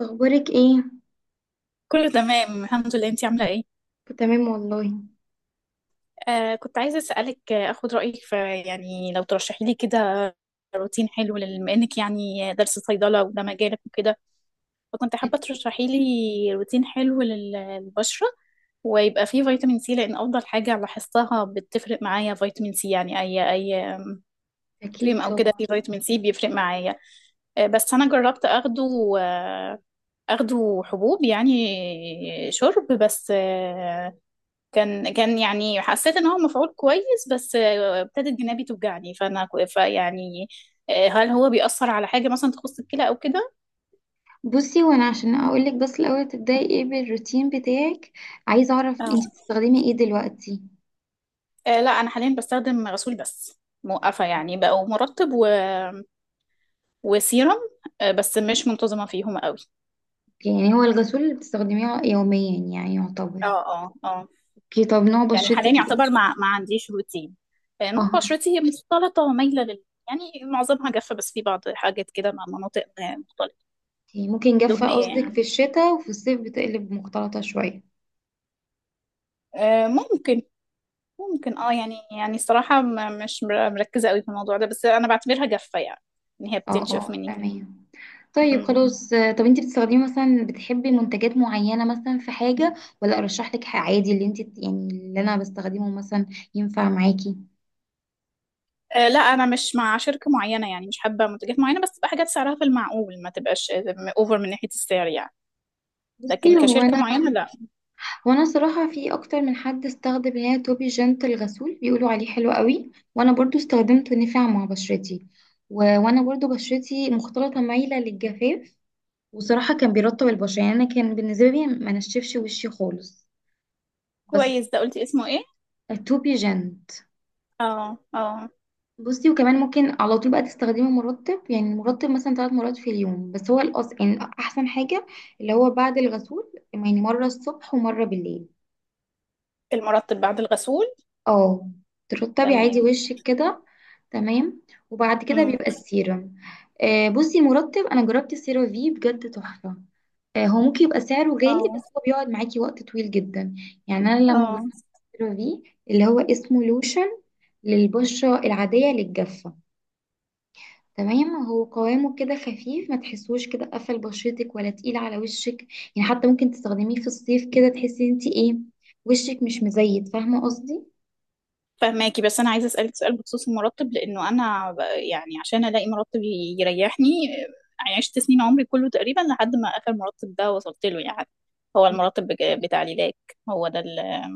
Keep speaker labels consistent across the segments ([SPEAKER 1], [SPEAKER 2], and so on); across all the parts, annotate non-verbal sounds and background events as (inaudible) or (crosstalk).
[SPEAKER 1] اخبارك ايه؟
[SPEAKER 2] كله تمام الحمد لله، انتي عاملة ايه؟
[SPEAKER 1] تمام والله.
[SPEAKER 2] كنت عايزة اسألك، اخد رأيك في، يعني لو ترشحي لي كده روتين حلو بما انك يعني درس صيدلة وده مجالك وكده. فكنت حابة ترشحي لي روتين حلو للبشرة، ويبقى فيه فيتامين سي لان افضل حاجة لاحظتها بتفرق معايا فيتامين سي، يعني اي اي آم، كريم
[SPEAKER 1] اكيد
[SPEAKER 2] او كده
[SPEAKER 1] طبعا.
[SPEAKER 2] فيه فيتامين سي بيفرق معايا. بس انا جربت اخده، اخده حبوب يعني، شرب بس. كان يعني حسيت ان هو مفعول كويس، بس ابتدت جنابي توجعني، فانا فيعني، هل هو بيأثر على حاجة مثلا تخص الكلى او كده؟
[SPEAKER 1] بصي، وانا عشان اقولك، بس الاول تبداي ايه بالروتين بتاعك؟ عايزه اعرف
[SPEAKER 2] آه.
[SPEAKER 1] انت بتستخدمي ايه دلوقتي.
[SPEAKER 2] لا انا حاليا بستخدم غسول بس، موقفة يعني بقوا مرطب وسيرم، بس مش منتظمة فيهم قوي.
[SPEAKER 1] يعني هو الغسول اللي بتستخدميه يوميا، يعني يعتبر.
[SPEAKER 2] اه اه اه.
[SPEAKER 1] اوكي، طب نوع
[SPEAKER 2] يعني حاليا
[SPEAKER 1] بشرتك ايه؟
[SPEAKER 2] يعتبر ما عنديش روتين. نوع
[SPEAKER 1] اها.
[SPEAKER 2] بشرتي مختلطة ومايلة يعني معظمها جافة، بس في بعض حاجات كده مع مناطق مختلطة،
[SPEAKER 1] أوكي، ممكن جافه
[SPEAKER 2] دهنية
[SPEAKER 1] قصدك في
[SPEAKER 2] يعني.
[SPEAKER 1] الشتاء وفي الصيف بتقلب مختلطه شويه.
[SPEAKER 2] ممكن. ممكن، يعني الصراحة مش مركزة قوي في الموضوع ده، بس أنا بعتبرها جافة يعني، إن هي
[SPEAKER 1] اه
[SPEAKER 2] بتنشف
[SPEAKER 1] اه،
[SPEAKER 2] مني.
[SPEAKER 1] تمام. طيب
[SPEAKER 2] مم.
[SPEAKER 1] خلاص، طب انت بتستخدمي مثلا، بتحبي منتجات معينة مثلا في حاجة، ولا ارشح لك حاجة عادي، اللي انت يعني اللي انا بستخدمه مثلا ينفع معاكي.
[SPEAKER 2] لا، أنا مش مع شركة معينة يعني، مش حابة منتجات معينة، بس تبقى حاجات سعرها في المعقول، ما تبقاش أوفر من ناحية السعر يعني.
[SPEAKER 1] بصي
[SPEAKER 2] لكن
[SPEAKER 1] هو
[SPEAKER 2] كشركة
[SPEAKER 1] انا
[SPEAKER 2] معينة لا.
[SPEAKER 1] وانا صراحة، في اكتر من حد استخدم اللي هي توبي جنت الغسول بيقولوا عليه حلو قوي، وانا برضو استخدمته نفع مع بشرتي. وانا برضو بشرتي مختلطة مايلة للجفاف. وصراحة كان بيرطب البشرة، يعني انا كان بالنسبة لي ما نشفش وشي خالص. بس
[SPEAKER 2] كويس، ده قلتي اسمه إيه؟
[SPEAKER 1] التوبي جنت.
[SPEAKER 2] اه اه.
[SPEAKER 1] بصي وكمان ممكن على طول بقى تستخدمي مرطب، يعني مرطب مثلا ثلاث مرات في اليوم، بس هو يعني احسن حاجة اللي هو بعد الغسول، يعني مرة الصبح ومرة بالليل.
[SPEAKER 2] المرطب بعد الغسول.
[SPEAKER 1] اه. ترطبي عادي
[SPEAKER 2] تمام.
[SPEAKER 1] وشك كده. تمام. وبعد كده
[SPEAKER 2] مم.
[SPEAKER 1] بيبقى السيرم. بصي مرطب انا جربت السيرافي بجد تحفة. هو ممكن يبقى سعره غالي، بس
[SPEAKER 2] اه
[SPEAKER 1] هو بيقعد معاكي وقت طويل جدا. يعني انا لما
[SPEAKER 2] اه.
[SPEAKER 1] جربت السيرافي، اللي هو اسمه لوشن للبشرة العادية للجافة. تمام، هو قوامه كده خفيف، ما تحسوش كده قفل بشرتك ولا تقيل على وشك. يعني حتى ممكن تستخدميه في الصيف كده، تحسي انت ايه، وشك مش مزيت، فاهمة قصدي.
[SPEAKER 2] فهماكي، بس انا عايزه اسالك سؤال بخصوص المرتب، لانه انا يعني عشان الاقي مرتب يريحني، عشت سنين عمري كله تقريبا لحد ما اخر مرتب ده وصلت له يعني. هو المرتب بتاع ليلاك، هو ده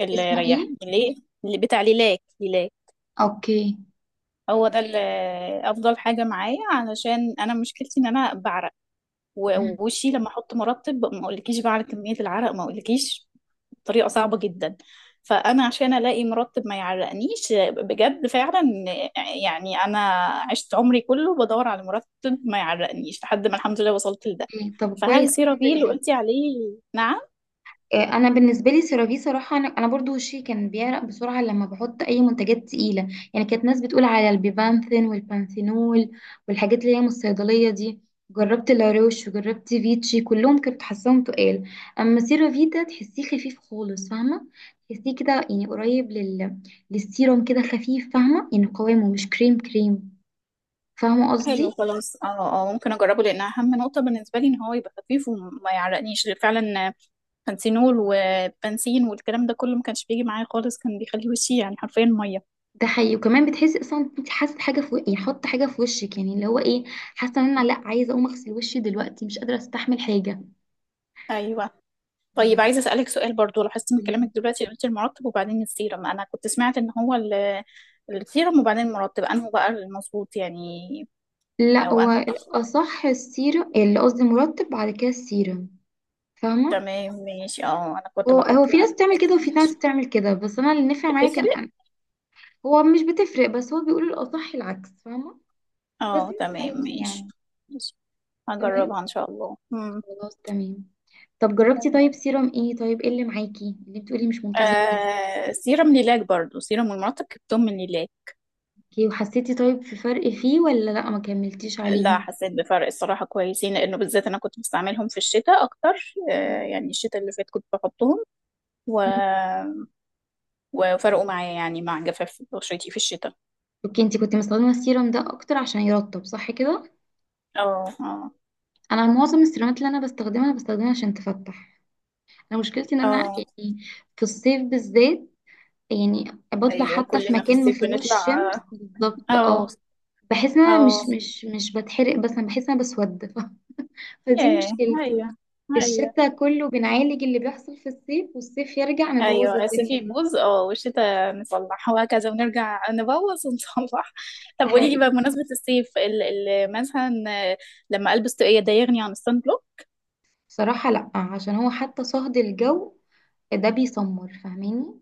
[SPEAKER 2] اللي
[SPEAKER 1] اسمه ايه؟
[SPEAKER 2] ريحني ليه، اللي بتاع ليلاك ليلاك.
[SPEAKER 1] اوكي.
[SPEAKER 2] هو ده اللي افضل حاجه معايا، علشان انا مشكلتي ان انا بعرق،
[SPEAKER 1] مهم.
[SPEAKER 2] ووشي لما احط مرطب ما اقولكيش بعرق، كميه العرق ما اقولكيش، طريقة صعبة جدا. فأنا عشان ألاقي مرتب ما يعرقنيش، بجد فعلا، يعني أنا عشت عمري كله بدور على مرتب ما يعرقنيش لحد ما الحمد لله وصلت لده.
[SPEAKER 1] اوكي، طب
[SPEAKER 2] فهل
[SPEAKER 1] كويس الحمد
[SPEAKER 2] سيرافيل اللي
[SPEAKER 1] لله.
[SPEAKER 2] قلتي عليه؟ نعم.
[SPEAKER 1] انا بالنسبه لي سيرافي، صراحه انا برضو وشي كان بيعرق بسرعه لما بحط اي منتجات تقيله. يعني كانت ناس بتقول على البيبانثين والبانثينول والحاجات اللي هي من الصيدليه دي. جربت لاروش وجربت فيتشي، كلهم كنت حاساهم تقال. اما سيرافي ده تحسيه خفيف خالص، فاهمه. تحسيه كده يعني قريب للسيروم كده خفيف، فاهمه، يعني قوامه مش كريم كريم، فاهمه
[SPEAKER 2] حلو،
[SPEAKER 1] قصدي.
[SPEAKER 2] خلاص، اه اه، ممكن اجربه، لان اهم نقطه بالنسبه لي ان هو يبقى خفيف وما يعرقنيش فعلا. بنسينول وبنسين والكلام ده كله ما كانش بيجي معايا خالص، كان بيخلي وشي يعني حرفيا ميه.
[SPEAKER 1] ده حقيقي. وكمان بتحسي اصلا إن انت حاسه حاجه في يعني حط حاجه في وشك، يعني اللي هو ايه؟ حاسه ان انا لا، عايزه اقوم اغسل وشي دلوقتي، مش قادره استحمل حاجه.
[SPEAKER 2] ايوه. طيب،
[SPEAKER 1] بالظبط.
[SPEAKER 2] عايزة أسألك سؤال برضو، لاحظت من
[SPEAKER 1] قوليلي.
[SPEAKER 2] كلامك دلوقتي قلت المرطب وبعدين السيرم، أنا كنت سمعت إن هو السيرم وبعدين المرطب، أنه بقى المظبوط يعني،
[SPEAKER 1] لا، هو
[SPEAKER 2] وأنه الأخطر.
[SPEAKER 1] الاصح السيره، اللي قصدي مرطب بعد كده السيره، فاهمه.
[SPEAKER 2] تمام، ماشي، اه، أنا كنت
[SPEAKER 1] هو
[SPEAKER 2] بحط
[SPEAKER 1] في ناس
[SPEAKER 2] العكس.
[SPEAKER 1] بتعمل كده وفي ناس
[SPEAKER 2] ماشي.
[SPEAKER 1] بتعمل كده، بس انا اللي نفع معايا كان
[SPEAKER 2] بتفرق.
[SPEAKER 1] أنا. هو مش بتفرق، بس هو بيقول الاصح العكس، فاهمه. بس
[SPEAKER 2] اه
[SPEAKER 1] انت
[SPEAKER 2] تمام،
[SPEAKER 1] عادي
[SPEAKER 2] ماشي.
[SPEAKER 1] يعني.
[SPEAKER 2] ماشي.
[SPEAKER 1] تمام.
[SPEAKER 2] هجربها إن شاء الله. مم.
[SPEAKER 1] خلاص تمام. طب جربتي،
[SPEAKER 2] تمام.
[SPEAKER 1] طيب سيرم ايه، طيب ايه اللي معاكي اللي بتقولي مش منتظمه عليه؟
[SPEAKER 2] سيرم ليلاك برضو، سيرم والمرطب جبتهم من ليلاك.
[SPEAKER 1] اوكي، وحسيتي طيب في فرق فيه ولا لا ما كملتيش
[SPEAKER 2] لا،
[SPEAKER 1] عليهم؟
[SPEAKER 2] حسيت بفرق، الصراحة كويسين، لأنه بالذات أنا كنت بستعملهم في الشتاء أكتر،
[SPEAKER 1] مم.
[SPEAKER 2] يعني الشتاء اللي فات كنت بحطهم، و وفرقوا معايا يعني مع جفاف بشرتي في الشتاء.
[SPEAKER 1] اوكي، انتي كنت مستخدمة السيرم ده اكتر عشان يرطب، صح كده؟
[SPEAKER 2] اه اه.
[SPEAKER 1] انا معظم السيرامات اللي انا بستخدمها عشان تفتح. انا مشكلتي ان انا
[SPEAKER 2] اه،
[SPEAKER 1] يعني في الصيف بالذات، يعني بطلع
[SPEAKER 2] ايوه
[SPEAKER 1] حتى في
[SPEAKER 2] كلنا في
[SPEAKER 1] مكان ما
[SPEAKER 2] الصيف
[SPEAKER 1] فيهوش
[SPEAKER 2] بنطلع.
[SPEAKER 1] شمس بالظبط.
[SPEAKER 2] اه
[SPEAKER 1] اه، بحس ان انا
[SPEAKER 2] اه.
[SPEAKER 1] مش بتحرق، بس انا بحس ان انا بسود (laughs) فدي
[SPEAKER 2] ياه.
[SPEAKER 1] مشكلتي.
[SPEAKER 2] ايوه ايوه.
[SPEAKER 1] الشتا كله بنعالج اللي بيحصل في الصيف، والصيف يرجع نبوظ
[SPEAKER 2] ايوه الصيف
[SPEAKER 1] الدنيا.
[SPEAKER 2] يبوظ، اه، والشتاء نصلح وهكذا، ونرجع نبوظ ونصلح (laughs) طب قولي لي
[SPEAKER 1] دي
[SPEAKER 2] بقى، بمناسبة الصيف، ال ال مثلا لما البس طاقية ده يغني عن الصن بلوك؟
[SPEAKER 1] صراحة لأ، عشان هو حتى صهد الجو ده بيسمر، فاهماني،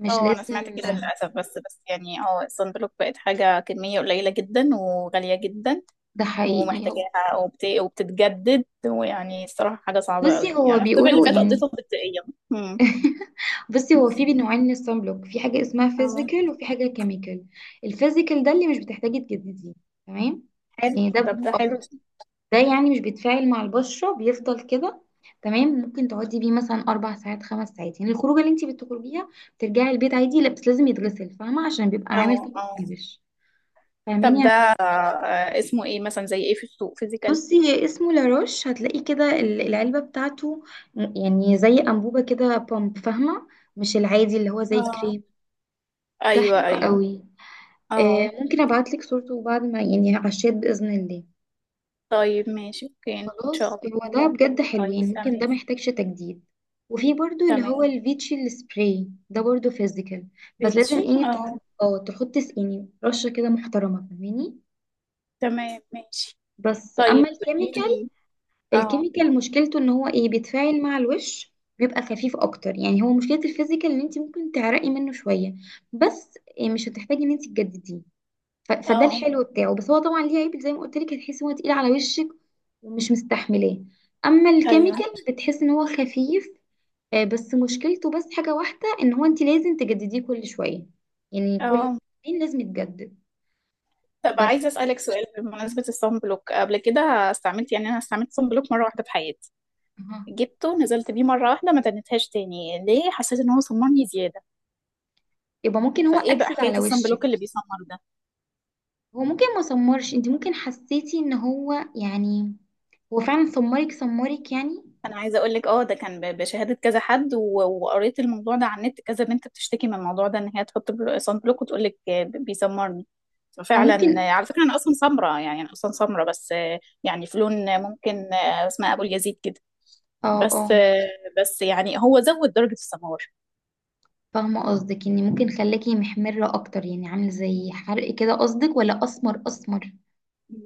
[SPEAKER 1] مش
[SPEAKER 2] اه، انا
[SPEAKER 1] لازم.
[SPEAKER 2] سمعت كده للاسف، بس يعني الصن بلوك بقت حاجة كمية قليلة جدا وغالية جدا،
[SPEAKER 1] ده حقيقي.
[SPEAKER 2] ومحتاجاها، وبتتجدد، ويعني الصراحة حاجة صعبة قوي،
[SPEAKER 1] بصي هو
[SPEAKER 2] يعني الصيف اللي
[SPEAKER 1] بيقولوا
[SPEAKER 2] فات
[SPEAKER 1] يعني،
[SPEAKER 2] قضيته تلقائيا. امم.
[SPEAKER 1] بصي هو في نوعين من الصن بلوك، في حاجة اسمها
[SPEAKER 2] اه.
[SPEAKER 1] فيزيكال وفي حاجة كيميكال. الفيزيكال ده اللي مش بتحتاجي تجدديه. تمام.
[SPEAKER 2] حلو،
[SPEAKER 1] يعني ده
[SPEAKER 2] طب ده حلو.
[SPEAKER 1] ده يعني مش بيتفاعل مع البشرة، بيفضل كده. تمام، ممكن تقعدي بيه مثلا أربع ساعات خمس ساعات، يعني الخروجة اللي انتي بتخرجيها بترجعي البيت عادي، لا بس لازم يتغسل، فاهمة، عشان بيبقى عامل
[SPEAKER 2] اه
[SPEAKER 1] طبق
[SPEAKER 2] اه.
[SPEAKER 1] على الوش،
[SPEAKER 2] طب ده
[SPEAKER 1] فاهماني.
[SPEAKER 2] اسمه ايه مثلا؟ زي ايه في السوق فيزيكال؟
[SPEAKER 1] بصي، هي اسمه لاروش، هتلاقيه كده العلبة بتاعته، يعني زي أنبوبة كده بامب، فاهمة، مش العادي اللي هو زي
[SPEAKER 2] اه.
[SPEAKER 1] كريم. ده
[SPEAKER 2] ايوه
[SPEAKER 1] حلو
[SPEAKER 2] ايوه.
[SPEAKER 1] قوي.
[SPEAKER 2] اه،
[SPEAKER 1] ممكن ابعتلك صورته بعد ما، يعني، على الشات بإذن الله.
[SPEAKER 2] طيب ماشي، اوكي، ان
[SPEAKER 1] خلاص،
[SPEAKER 2] شاء
[SPEAKER 1] هو ده
[SPEAKER 2] الله.
[SPEAKER 1] بجد حلو،
[SPEAKER 2] طيب
[SPEAKER 1] يعني ممكن
[SPEAKER 2] تمام.
[SPEAKER 1] ده محتاجش تجديد. وفي برضو اللي هو
[SPEAKER 2] تمام،
[SPEAKER 1] الفيتشي السبراي ده برضو فيزيكال، بس لازم
[SPEAKER 2] بيتشي،
[SPEAKER 1] ايه تحط.
[SPEAKER 2] اه.
[SPEAKER 1] اه تحط يعني رشة كده محترمة، فاهماني.
[SPEAKER 2] تمام، ماشي.
[SPEAKER 1] بس
[SPEAKER 2] طيب
[SPEAKER 1] اما
[SPEAKER 2] قولي
[SPEAKER 1] الكيميكال،
[SPEAKER 2] لي. اه
[SPEAKER 1] الكيميكال مشكلته ان هو ايه، بيتفاعل مع الوش، بيبقى خفيف اكتر. يعني هو مشكلة الفيزيكال ان انت ممكن تعرقي منه شوية، بس إيه، مش هتحتاجي ان انت تجدديه. فده
[SPEAKER 2] اه،
[SPEAKER 1] الحلو بتاعه. بس هو طبعا ليه عيب، زي ما قلت لك، هتحسي ان هو تقيل على وشك ومش مستحملاه. اما
[SPEAKER 2] ايوه.
[SPEAKER 1] الكيميكال، بتحس ان هو خفيف، بس مشكلته بس حاجة واحدة، ان هو انت لازم تجدديه كل شوية، يعني كل
[SPEAKER 2] اه.
[SPEAKER 1] سنين لازم يتجدد.
[SPEAKER 2] طب
[SPEAKER 1] بس.
[SPEAKER 2] عايزة أسألك سؤال بمناسبة الصن بلوك، قبل كده استعملت، يعني أنا استعملت صن بلوك مرة واحدة في حياتي،
[SPEAKER 1] أها.
[SPEAKER 2] جبته نزلت بيه مرة واحدة ما تنتهاش تاني، ليه؟ حسيت إن هو صممني زيادة.
[SPEAKER 1] يبقى ممكن هو
[SPEAKER 2] فإيه بقى
[SPEAKER 1] اكسد
[SPEAKER 2] حكاية
[SPEAKER 1] على
[SPEAKER 2] الصن
[SPEAKER 1] وشك.
[SPEAKER 2] بلوك اللي بيسمر ده؟
[SPEAKER 1] هو ممكن ما سمرش، انت ممكن حسيتي ان هو يعني هو فعلا سمرك سمرك يعني.
[SPEAKER 2] أنا عايزة أقولك، ده كان بشهادة كذا حد، وقريت الموضوع ده على النت، كذا بنت بتشتكي من الموضوع ده إن هي تحط صن بلوك وتقولك بيسمرني.
[SPEAKER 1] او
[SPEAKER 2] ففعلا
[SPEAKER 1] ممكن.
[SPEAKER 2] على فكرة أنا أصلا سمرة يعني، أنا أصلا سمرة، بس يعني في لون، ممكن، اسمها أبو اليزيد كده،
[SPEAKER 1] اه اه.
[SPEAKER 2] بس بس يعني هو زود درجة السمار.
[SPEAKER 1] فاهمه قصدك ان ممكن خلاكي محمره اكتر، يعني عامل زي حرق كده قصدك، ولا اسمر اسمر؟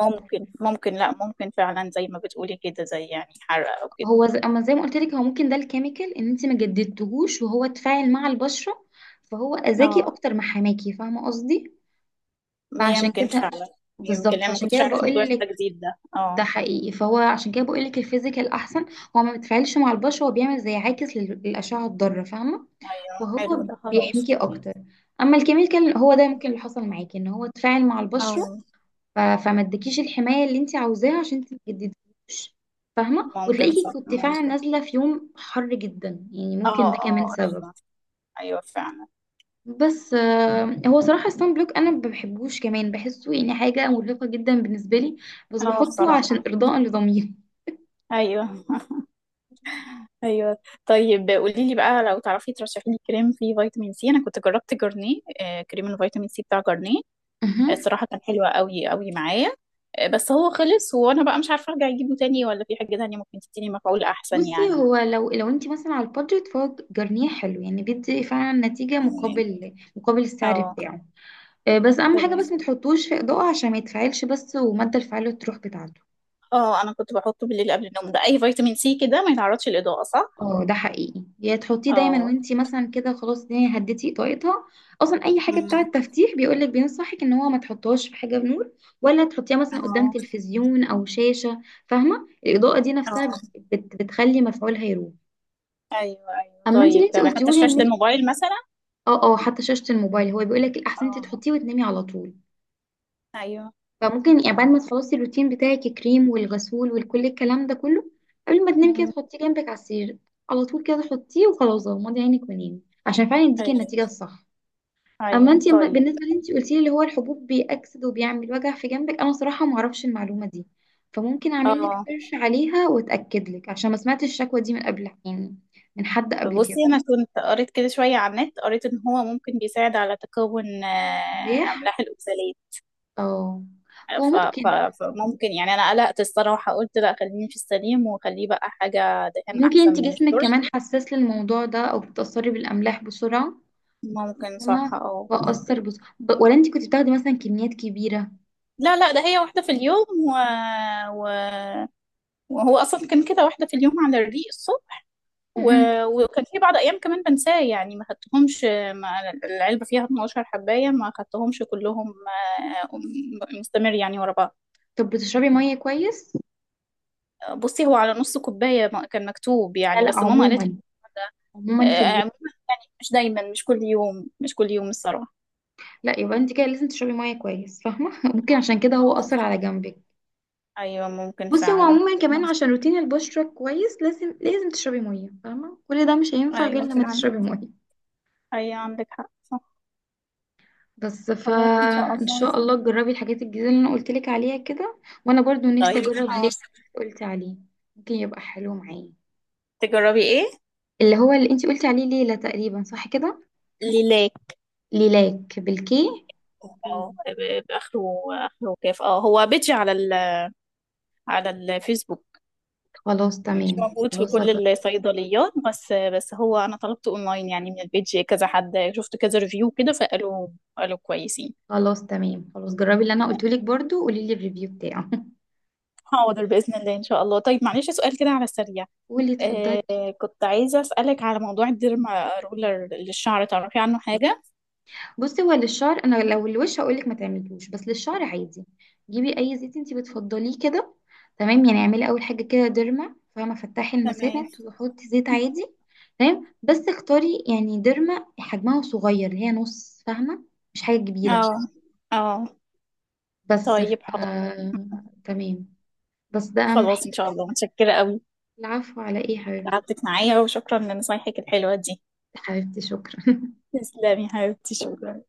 [SPEAKER 2] ممكن لا، ممكن فعلا زي ما بتقولي كده، زي يعني حرق او كده.
[SPEAKER 1] هو اما زي ما قلت لك، هو ممكن ده الكيميكال ان انت ما جددتهوش وهو اتفاعل مع البشره، فهو اذاكي
[SPEAKER 2] اه،
[SPEAKER 1] اكتر ما حماكي، فاهمه قصدي، فعشان
[SPEAKER 2] يمكن
[SPEAKER 1] كده.
[SPEAKER 2] فعلا، يمكن،
[SPEAKER 1] بالظبط،
[SPEAKER 2] لان ما
[SPEAKER 1] فعشان
[SPEAKER 2] كنتش
[SPEAKER 1] كده
[SPEAKER 2] اعرف موضوع
[SPEAKER 1] بقول لك.
[SPEAKER 2] التجديد ده، اه.
[SPEAKER 1] ده حقيقي، فهو عشان كده بقول لك الفيزيكال احسن، هو ما بيتفاعلش مع البشر، هو بيعمل زي عاكس للاشعه الضاره، فاهمه،
[SPEAKER 2] ايوه، حلو
[SPEAKER 1] فهو
[SPEAKER 2] ده، خلاص.
[SPEAKER 1] بيحميكي اكتر. اما الكيميكال هو ده ممكن اللي حصل معاكي ان هو اتفاعل مع
[SPEAKER 2] اه،
[SPEAKER 1] البشره، فما ادكيش الحمايه اللي انت عاوزاها عشان انت ما تجدديهوش، فاهمه،
[SPEAKER 2] ممكن
[SPEAKER 1] وتلاقيكي
[SPEAKER 2] صح،
[SPEAKER 1] كنت فعلا
[SPEAKER 2] ممكن.
[SPEAKER 1] نازله في يوم حر جدا، يعني ممكن ده
[SPEAKER 2] اه
[SPEAKER 1] كمان
[SPEAKER 2] اه،
[SPEAKER 1] سبب.
[SPEAKER 2] ايوه. ايوه فعلا.
[SPEAKER 1] بس هو صراحه الصن بلوك انا ما بحبوش، كمان بحسه يعني حاجه مرهقه جدا بالنسبه لي، بس
[SPEAKER 2] اه،
[SPEAKER 1] بحطه عشان
[SPEAKER 2] بصراحة.
[SPEAKER 1] ارضاء لضميري
[SPEAKER 2] ايوه (laughs) ايوه، طيب قولي لي بقى، لو تعرفي ترشحي لي كريم فيه فيتامين سي، انا كنت جربت جرنيه، كريم الفيتامين سي بتاع جرنيه،
[SPEAKER 1] (laughs)
[SPEAKER 2] الصراحة كان حلو قوي قوي معايا. بس هو خلص، وانا بقى مش عارفة ارجع اجيبه تاني، ولا في حاجة تانية ممكن تديني مفعول احسن
[SPEAKER 1] بصي
[SPEAKER 2] يعني.
[SPEAKER 1] هو لو انت مثلا على البادجت، فهو جرنيه حلو، يعني بيدي فعلا نتيجة
[SPEAKER 2] تمام.
[SPEAKER 1] مقابل مقابل السعر
[SPEAKER 2] اه
[SPEAKER 1] بتاعه. بس اهم حاجة، بس
[SPEAKER 2] تمام.
[SPEAKER 1] ما تحطوش في اضاءة عشان ما يتفعلش بس، ومادة الفعالة تروح بتاعته.
[SPEAKER 2] اه، انا كنت بحطه بالليل قبل النوم، ده اي فيتامين سي كده ما يتعرضش للإضاءة صح؟
[SPEAKER 1] اه، ده حقيقي، يا تحطيه دايما
[SPEAKER 2] اه.
[SPEAKER 1] وانت مثلا كده خلاص الدنيا هديتي اضاءتها. اصلا اي حاجة
[SPEAKER 2] أمم.
[SPEAKER 1] بتاعة تفتيح بيقولك، بينصحك ان هو ما تحطهاش في حاجة بنور، ولا تحطيها مثلا قدام
[SPEAKER 2] اه
[SPEAKER 1] تلفزيون او شاشة، فاهمة، الاضاءة دي نفسها
[SPEAKER 2] اه،
[SPEAKER 1] بتخلي مفعولها يروح.
[SPEAKER 2] ايوه ايوه،
[SPEAKER 1] اما انت
[SPEAKER 2] طيب
[SPEAKER 1] اللي انت
[SPEAKER 2] تمام، حتى
[SPEAKER 1] قلتيهولي
[SPEAKER 2] شاشة
[SPEAKER 1] ان
[SPEAKER 2] الموبايل مثلا؟
[SPEAKER 1] اه اه حتى شاشة الموبايل، هو بيقول لك الأحسن انت
[SPEAKER 2] اه.
[SPEAKER 1] تحطيه وتنامي على طول.
[SPEAKER 2] ايوه.
[SPEAKER 1] فممكن يعني بعد ما تخلصي الروتين بتاعك، الكريم والغسول وكل الكلام ده كله، قبل ما تنامي كده
[SPEAKER 2] أمم.
[SPEAKER 1] تحطيه جنبك على السرير، على طول كده تحطيه وخلاص، غمضي عينك ونامي عشان فعلا يديكي
[SPEAKER 2] ايوه
[SPEAKER 1] النتيجة الصح. أما
[SPEAKER 2] ايوه،
[SPEAKER 1] انت
[SPEAKER 2] طيب.
[SPEAKER 1] بالنسبة لي انت قلتي لي اللي هو الحبوب بيأكسد وبيعمل وجع في جنبك، أنا صراحة ما أعرفش المعلومة دي، فممكن أعمل لك
[SPEAKER 2] اه.
[SPEAKER 1] سيرش عليها وأتأكد لك عشان ما سمعتش الشكوى دي من قبل، يعني من حد قبل كده.
[SPEAKER 2] بصي انا كنت قريت كده شويه على النت، قريت ان هو ممكن بيساعد على تكون
[SPEAKER 1] ليه؟
[SPEAKER 2] املاح الاوكسالات،
[SPEAKER 1] اه، هو
[SPEAKER 2] ف... ف...
[SPEAKER 1] ممكن.
[SPEAKER 2] فممكن يعني انا قلقت الصراحه، قلت لا خليني في السليم وخليه بقى حاجه دهان احسن
[SPEAKER 1] انت
[SPEAKER 2] من
[SPEAKER 1] جسمك
[SPEAKER 2] الشرب.
[SPEAKER 1] كمان حساس للموضوع ده او بتتأثري بالأملاح بسرعة،
[SPEAKER 2] ممكن صح،
[SPEAKER 1] فاهمة،
[SPEAKER 2] اه
[SPEAKER 1] بأثر
[SPEAKER 2] ممكن.
[SPEAKER 1] بس ولا انت كنت بتاخدي مثلا كميات كبيرة؟
[SPEAKER 2] لا لا، ده هي واحده في اليوم و... وهو اصلا كان كده، واحده في اليوم على الريق الصبح، و...
[SPEAKER 1] مهم.
[SPEAKER 2] وكان في بعض ايام كمان بنساه يعني ما خدتهمش، ما العلبه فيها 12 حبايه ما خدتهمش كلهم. آه، مستمر يعني ورا بعض.
[SPEAKER 1] طب بتشربي مية كويس؟
[SPEAKER 2] بصي هو على نص كوبايه كان مكتوب
[SPEAKER 1] لا
[SPEAKER 2] يعني،
[SPEAKER 1] لا،
[SPEAKER 2] بس ماما قالت لي.
[SPEAKER 1] عموما، عموما في اليوم.
[SPEAKER 2] آه، مش دايما، مش كل يوم، مش كل يوم الصراحة.
[SPEAKER 1] لا، يبقى انت كده لازم تشربي مية كويس، فاهمة (laughs) ممكن عشان كده هو
[SPEAKER 2] اه
[SPEAKER 1] أثر على جنبك.
[SPEAKER 2] أيوة، ممكن
[SPEAKER 1] بصي هو
[SPEAKER 2] فعلا.
[SPEAKER 1] عموما كمان عشان روتين البشرة كويس، لازم لازم تشربي مية، فاهمة، كل ده مش هينفع غير
[SPEAKER 2] أيوة
[SPEAKER 1] لما
[SPEAKER 2] فعلا.
[SPEAKER 1] تشربي مية.
[SPEAKER 2] أيوة عندك حق، صح.
[SPEAKER 1] بس
[SPEAKER 2] خلاص إن شاء
[SPEAKER 1] فان
[SPEAKER 2] الله.
[SPEAKER 1] شاء الله تجربي الحاجات الجديده اللي انا قلت لك عليها كده، وانا برضو نفسي
[SPEAKER 2] طيب.
[SPEAKER 1] اجرب
[SPEAKER 2] اه.
[SPEAKER 1] ليه اللي قلت عليه، ممكن يبقى حلو معايا،
[SPEAKER 2] تجربي إيه؟
[SPEAKER 1] اللي هو اللي انت قلتي عليه ليلة تقريبا، صح كده؟
[SPEAKER 2] ليلاك.
[SPEAKER 1] ليلاك بالكي، اوكي.
[SPEAKER 2] اه، بآخره، آخره كيف، هو بيجي على على الفيسبوك.
[SPEAKER 1] خلاص
[SPEAKER 2] مش
[SPEAKER 1] تمام،
[SPEAKER 2] موجود في
[SPEAKER 1] خلاص
[SPEAKER 2] كل الصيدليات، بس هو أنا طلبته أونلاين يعني، من البيج كذا حد شفت كذا ريفيو كده، فقالوا قالوا كويسين.
[SPEAKER 1] خلاص تمام، خلاص جربي اللي انا قلته لك برضو، قولي لي الريفيو بتاعه (laughs)
[SPEAKER 2] حاضر بإذن الله إن شاء الله، طيب معلش سؤال كده على السريع،
[SPEAKER 1] قولي،
[SPEAKER 2] آه
[SPEAKER 1] اتفضلي.
[SPEAKER 2] كنت عايزة أسألك على موضوع الديرما رولر للشعر، تعرفي عنه حاجة؟
[SPEAKER 1] بصي هو للشعر، انا لو الوش هقولك ما تعمليهوش، بس للشعر عادي. جيبي اي زيت انتي بتفضليه كده، تمام. يعني اعملي اول حاجه كده ديرما، فاهمه، فتحي
[SPEAKER 2] تمام.
[SPEAKER 1] المسامات وحطي زيت عادي. تمام بس اختاري يعني ديرما حجمها صغير اللي هي نص، فاهمه، مش حاجه كبيره.
[SPEAKER 2] اه اه.
[SPEAKER 1] بس
[SPEAKER 2] طيب حاضر.
[SPEAKER 1] تمام. بس ده اهم حاجه.
[SPEAKER 2] خلاص إن شاء الله، متشكرة قوي،
[SPEAKER 1] العفو، على ايه يا حبيبتي.
[SPEAKER 2] تعبتك معايا، وشكرا لنصايحك الحلوة دي.
[SPEAKER 1] حبيبتي، شكرا (laughs)
[SPEAKER 2] تسلمي حبيبتي، شكرا.